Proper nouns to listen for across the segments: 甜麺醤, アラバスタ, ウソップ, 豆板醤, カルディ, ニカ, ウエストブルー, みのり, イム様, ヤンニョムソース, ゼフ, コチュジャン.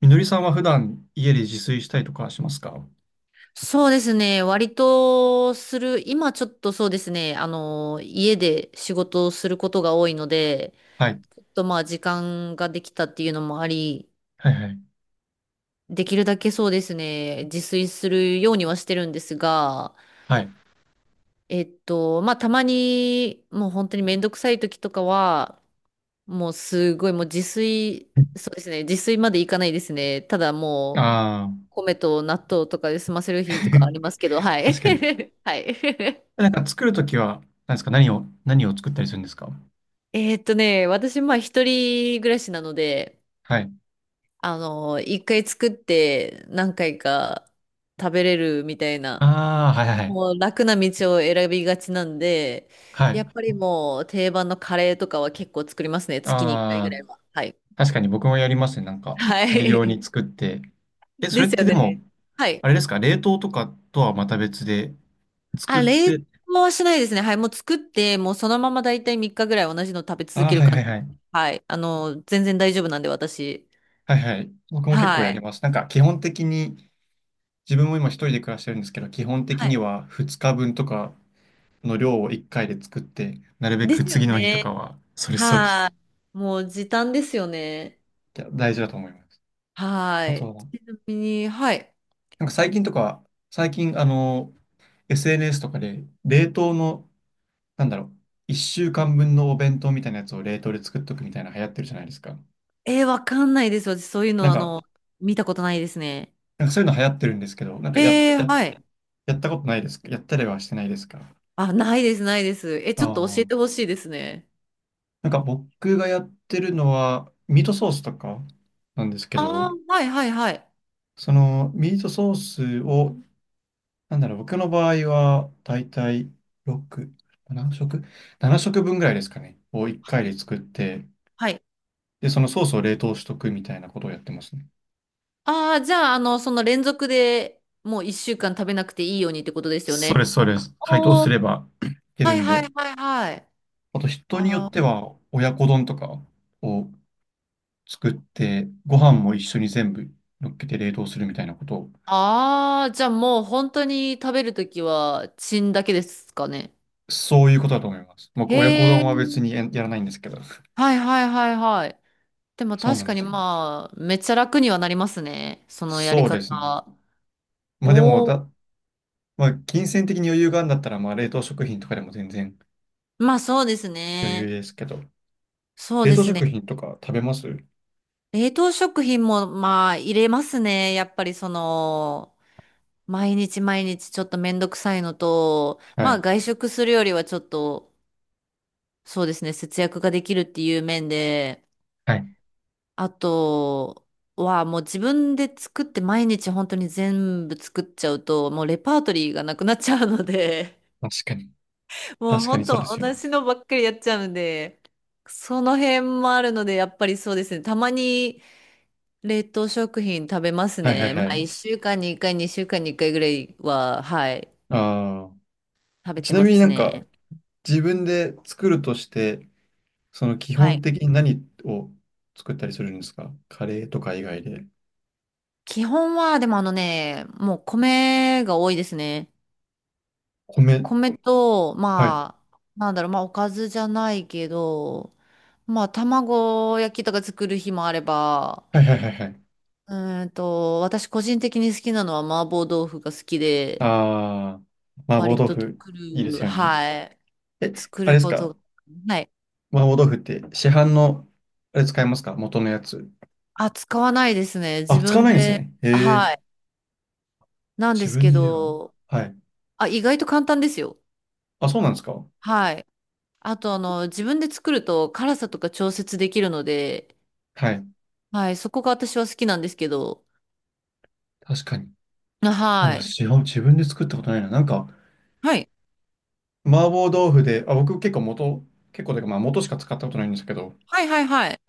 みのりさんは普段家で自炊したりとかしますか？そうですね。割とする、今ちょっとそうですね。家で仕事をすることが多いので、はい。ちょっと時間ができたっていうのもあり、はいはい。できるだけそうですね、自炊するようにはしてるんですが、はい。まあたまにもう本当にめんどくさい時とかは、もうすごいもうそうですね、自炊までいかないですね。ただもう、ああ。米と納豆とかで済ませる日とかありますけど、は い。確かに。はい。なんか作るときは、何ですか何を、何を作ったりするんですか？私、まあ、一人暮らしなので、はい。一回作って何回か食べれるみたいな、ああ、はいはいはい。もう楽な道を選びがちなんで、はやい。っぱりもう定番のカレーとかは結構作りますね。月に一回ぐああ、らいは。はい。確かに僕もやりますね。なん かは大量い。に作って。え、そでれっすてよでも、ね。はい。あれですか？冷凍とかとはまた別で作あ、っ冷凍て。はしないですね。はい。もう作って、もうそのまま大体3日ぐらい同じの食べ続ああ、けるはい感はいじではす。い。はい。全然大丈夫なんで、私。はいはい。僕も結構はやりい。ます。なんか基本的に、自分も今一人で暮らしてるんですけど、基本は的にい。は2日分とかの量を1回で作って、なるべでくすよ次の日とね。かは、それそうです。はい。もう時短ですよね。いや、大事だと思います。はあい。とは、ちなみに、はい。なんか最近、SNS とかで、冷凍の、なんだろう、1週間分のお弁当みたいなやつを冷凍で作っとくみたいな流行ってるじゃないですか、えー、わかんないです。私、そういうなの、んか、見たことないですね。なんかそういうの流行ってるんですけど、なんかへえ、はい。やったことないですか？やったりはしてないですか？あ、ないです、ないです。え、ちょっと教あえあ、てほしいですね。なんか僕がやってるのは、ミートソースとかなんですけあど、あ、はい、はい、はい。そのミートソースを、なんだろう、僕の場合は、だいたい6、7食 ?7 食分ぐらいですかね。を1回はでい。作って、はい。で、そのソースを冷凍しとくみたいなことをやってますね。ああ、じゃあ、その連続でもう一週間食べなくていいようにってことですよそね。れそれ、解凍おすー、れば いけはるい、んはで。い、はい、はい。あと、人によあってーは、親子丼とかを作って、ご飯も一緒に全部乗っけて冷凍するみたいなことを、あー、じゃあもう本当に食べるときは、チンだけですかね。そういうことだと思います。僕、へ親子丼え。は別にやらないんですけど。はいはいはいはい。でもそうな確んかでにすよ。まあ、めっちゃ楽にはなりますね。そのやりそうですね。方。まあでもおお。だ、まあ、金銭的に余裕があるんだったら、まあ、冷凍食品とかでも全然まあそうです余裕ね。ですけど、そう冷で凍す食ね。品とか食べます？冷凍食品もまあ入れますね。やっぱりその、毎日毎日ちょっとめんどくさいのと、はまあい。外食するよりはちょっと、そうですね、節約ができるっていう面で、はい。あと、はもう自分で作って毎日本当に全部作っちゃうともうレパートリーがなくなっちゃうので、確かに。もう確かに本そうで当すよね。同じのばっかりやっちゃうんで、その辺もあるので、やっぱりそうですね。たまに冷凍食品食べますはいはね。いまはあ、い。1週間に1回、2週間に1回ぐらいは、はい、あ食あ。べちてなまみになすんか、ね。自分で作るとして、その基は本い。的に何を作ったりするんですか？カレーとか以外で。基本は、でもあのね、もう米が多いですね。米。米と、はい。まあ、なんだろう、まあ、おかずじゃないけど、まあ、卵焼きとか作る日もあれば、はいはいはいはい。う私個人的に好きなのは麻婆豆腐が好きで、ああ。麻婆割豆と腐、作いいでする、よね。はい、え、作あれるですこか？とが、はい。麻婆豆腐って市販の、あれ使いますか？元のやつ。あ、使わないですね。自あ、使わ分ないんですで、ね。へえ。はい。なんで自すけ分では。ど、はい。あ、意外と簡単ですよ。あ、そうなんですか？はい。あと、自分で作ると辛さとか調節できるので、はい。はい、そこが私は好きなんですけど、確かに。なんはだ、い。自分で作ったことないな。なんか、はい。麻婆豆腐で、あ、僕結構というか、まあ元しか使ったことないんですけど、はいはいはい。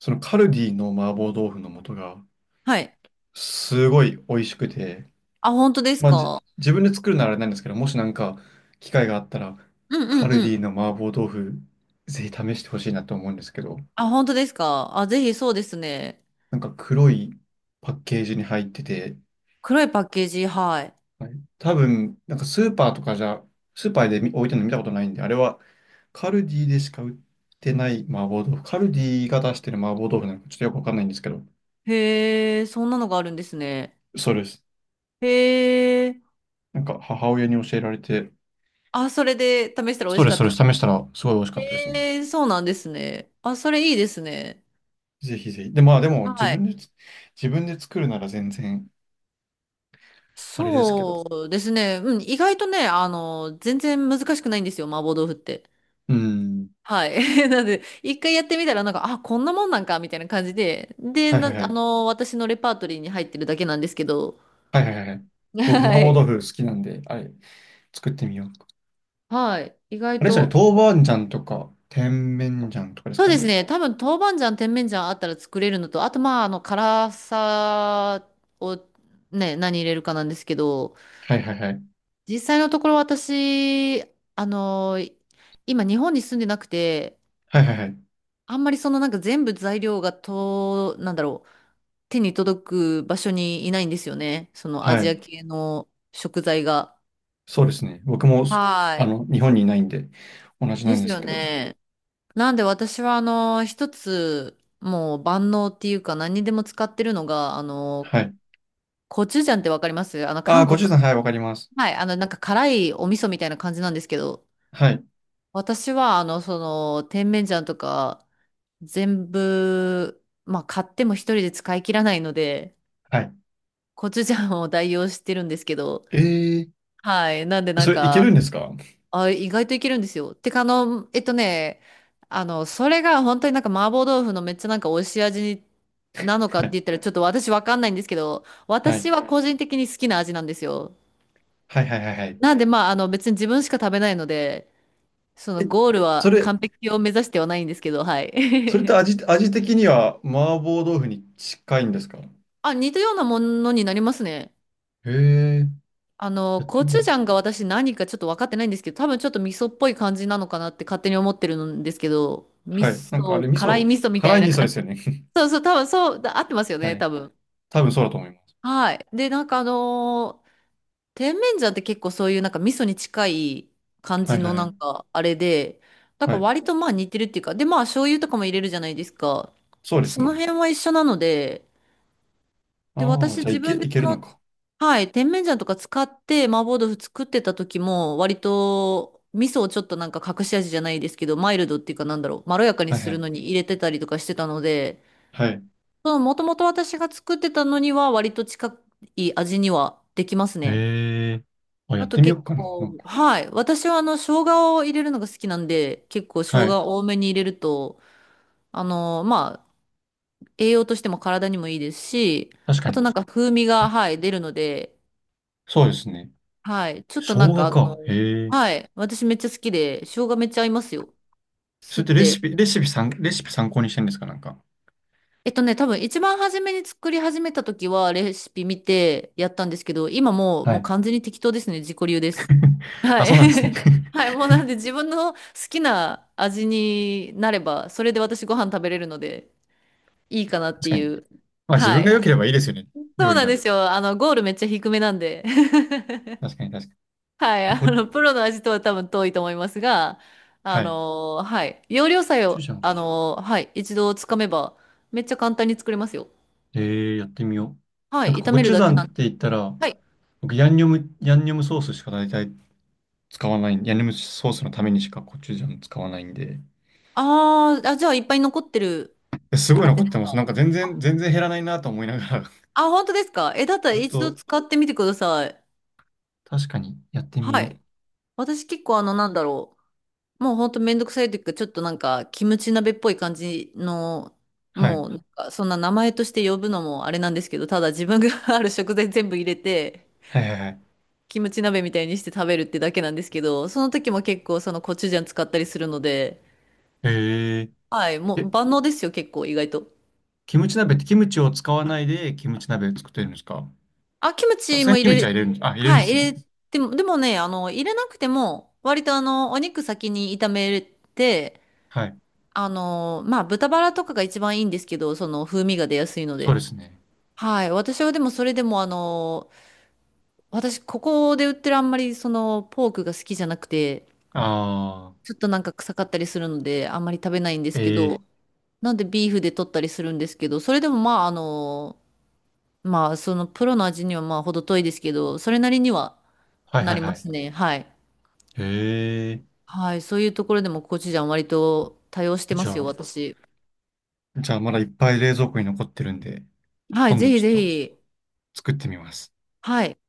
そのカルディの麻婆豆腐の素が、はい。すごい美味しくて、あ、本当ですまあじ、か？自分で作るならあれなんですけど、もしなんか、機会があったら、うんうカルんうディん。の麻婆豆腐、ぜひ試してほしいなと思うんですけど、あ、本当ですか？あ、ぜひそうですね。なんか黒いパッケージに入ってて、黒いパッケージ、はい。はい、多分、なんかスーパーで置いてるの見たことないんで、あれはカルディでしか売ってない麻婆豆腐。カルディが出してる麻婆豆腐なんかちょっとよくわかんないんですけど、へえ、そんなのがあるんですね。そうです。へえ、なんか母親に教えられて、あ、それで試したら美そう味しでかす、っそうたです。か。試したらすごい美味しかったですね。へえ、そうなんですね。あ、それいいですね。ぜひぜひ。で、まあでも自はい。分でつ、自分で作るなら全然あれですけど。そうですね。うん、意外とね、全然難しくないんですよ、麻婆豆腐って。うん。はい。なので、一回やってみたら、なんか、あ、こんなもんなんか、みたいな感じで、で、はいはな、いはあい。の、私のレパートリーに入ってるだけなんですけど、はいはいはいはい。僕、麻は婆い。豆腐好きなんで、あれ、作ってみよう。はい。意あ外れですよね、と、豆板醤とか、甜麺醤とかですそうかですね。ね。多分、豆板醤、甜麺醤あったら作れるのと、あと、まあ、辛さをね、何入れるかなんですけど、はいはいはい。実際のところ私、あの、今、日本に住んでなくて、はいはいはい。あんまりそのなんか全部材料がと、なんだろう、手に届く場所にいないんですよね。そのアはジアい。系の食材が。そうですね。僕も、はい。日本にいないんで、同じなでんすですよけど。ね。なんで私はあの、一つ、もう万能っていうか何にでも使ってるのが、あの、はい。コチュジャンってわかりますあの、ああ、韓コ国。チュさん、はい、わかります。はい。あの、なんか辛いお味噌みたいな感じなんですけど、はい。私は、甜麺醤とか、全部、まあ、買っても一人で使い切らないので、はい。コチュジャンを代用してるんですけど、えー、はい。なんで、なんそれいけるか、んですか？はあ、意外といけるんですよ。てか、それが本当になんか麻婆豆腐のめっちゃなんか美味しい味に、なのかってい。言ったらちょっと私わかんないんですけど、はい。私は個人的に好きな味なんですよ。はいはいはいはい。なんで、別に自分しか食べないので、そのえ、ゴールそはれ、完璧を目指してはないんですけど、はい。それって 味的には麻婆豆腐に近いんですか？あ、似たようなものになりますね。へえ、あの、やってコみチよュジう。ャンが私何かちょっと分かってないんですけど、多分ちょっと味噌っぽい感じなのかなって勝手に思ってるんですけど、味はい。なんかあれ、噌、味辛い噌、味噌みた辛いい味な噌で感じ。すよね。そうそう、多分そう、だ合ってますよ はね、い。多分。多分そうだと思います。はい。で、甜麺醤って結構そういうなんか味噌に近い感はじいはのいはなんい。かあれで、なんはかい。割とまあ似てるっていうか、でまあ醤油とかも入れるじゃないですか。そうでで、すそのね。辺は一緒なので、で、ああ、私じゃあ自いけ、分いでけそるのの、か。はい、甜麺醤とか使って麻婆豆腐作ってた時も割と味噌をちょっとなんか隠し味じゃないですけど、マイルドっていうかなんだろう、まろやかにはいすはるい。のに入れてたりとかしてたので、はい。そのもともと私が作ってたのには割と近い味にはできますね。ええ、あ、やっあとてみよう結かな。な構、んか、はい。私はあの、生姜を入れるのが好きなんで、結構生はい。姜多めに入れると、あの、まあ、栄養としても体にもいいですし、確かあとに。なんか風味が、はい、出るので、そうですね。はい。ちょっ生となんか姜あか。の、ええ、はい。私めっちゃ好きで、生姜めっちゃ合いますよ。そ吸れっってレシて。ピ、レシピ参、レシピ参考にしてるんですか？なんか。多分一番初めに作り始めた時はレシピ見てやったんですけど、今もう、はもうい。完全に適当ですね。自己流です。はあ、い。そうなんですね。確 はい、もうなんで自分の好きな味になれば、それで私ご飯食べれるのでいいかなってかいに。う。まあ自は分がい。良ければいいですよね。そ料う理なんなんでて。すよ。あの、ゴールめっちゃ低めなんで。確かに確か はい。に。あの、プロの味とは多分遠いと思いますが、あはい。コの、はい。要領さえチュを、ジャンあか。の、はい。一度つかめば、めっちゃ簡単に作れますよ。ええ、やってみよう。はなんかい。炒コめるチュジだャけンなっんてで。言ったら、はい。僕ヤンニョムソースしか大体使わない。ヤンニョムソースのためにしかコチュジャン使わないんで。あー、あ、じゃあいっぱい残ってるえ、すごい感残じっですてます。か。なんか全然減らないなと思いながらあ、本当ですか。え、だったらずっ一度と、使ってみてください。確かにやってみはよい。私結構あの、なんだろう。もうほんとめんどくさいというか、ちょっとなんか、キムチ鍋っぽい感じの、はい。なんかそんな名前として呼ぶのもあれなんですけど、ただ自分が ある食材全部入れて、はいはいはい。キムチ鍋みたいにして食べるってだけなんですけど、その時も結構そのコチュジャン使ったりするので、へはい、もえ。うえ、万能ですよ、結構意外と。キムチ鍋ってキムチを使わないでキムチ鍋を作ってるんですか？あ、キムさチすがもに入キムれチはる、入れるんです、あ、入れるんではい、すね。入れても、でもね、入れなくても、割とあの、お肉先に炒めて、はい。豚バラとかが一番いいんですけど、その風味が出やすいのそうで。ですね。はい。私はでもそれでもあの、私ここで売ってるあんまりそのポークが好きじゃなくて、ああ、ちょっとなんか臭かったりするのであんまり食べないんですけええ。ど、なんでビーフで取ったりするんですけど、それでもまあそのプロの味にはまあ程遠いですけど、それなりにははいなはいりはまい。すね。はい。へえ。はい。そういうところでもコチュジャン割と多用してまじゃすよ、あ、私。じゃあまだいっぱい冷蔵庫に残ってるんで、はい。今ぜ度ひちょっぜとひ。作ってみます。はい。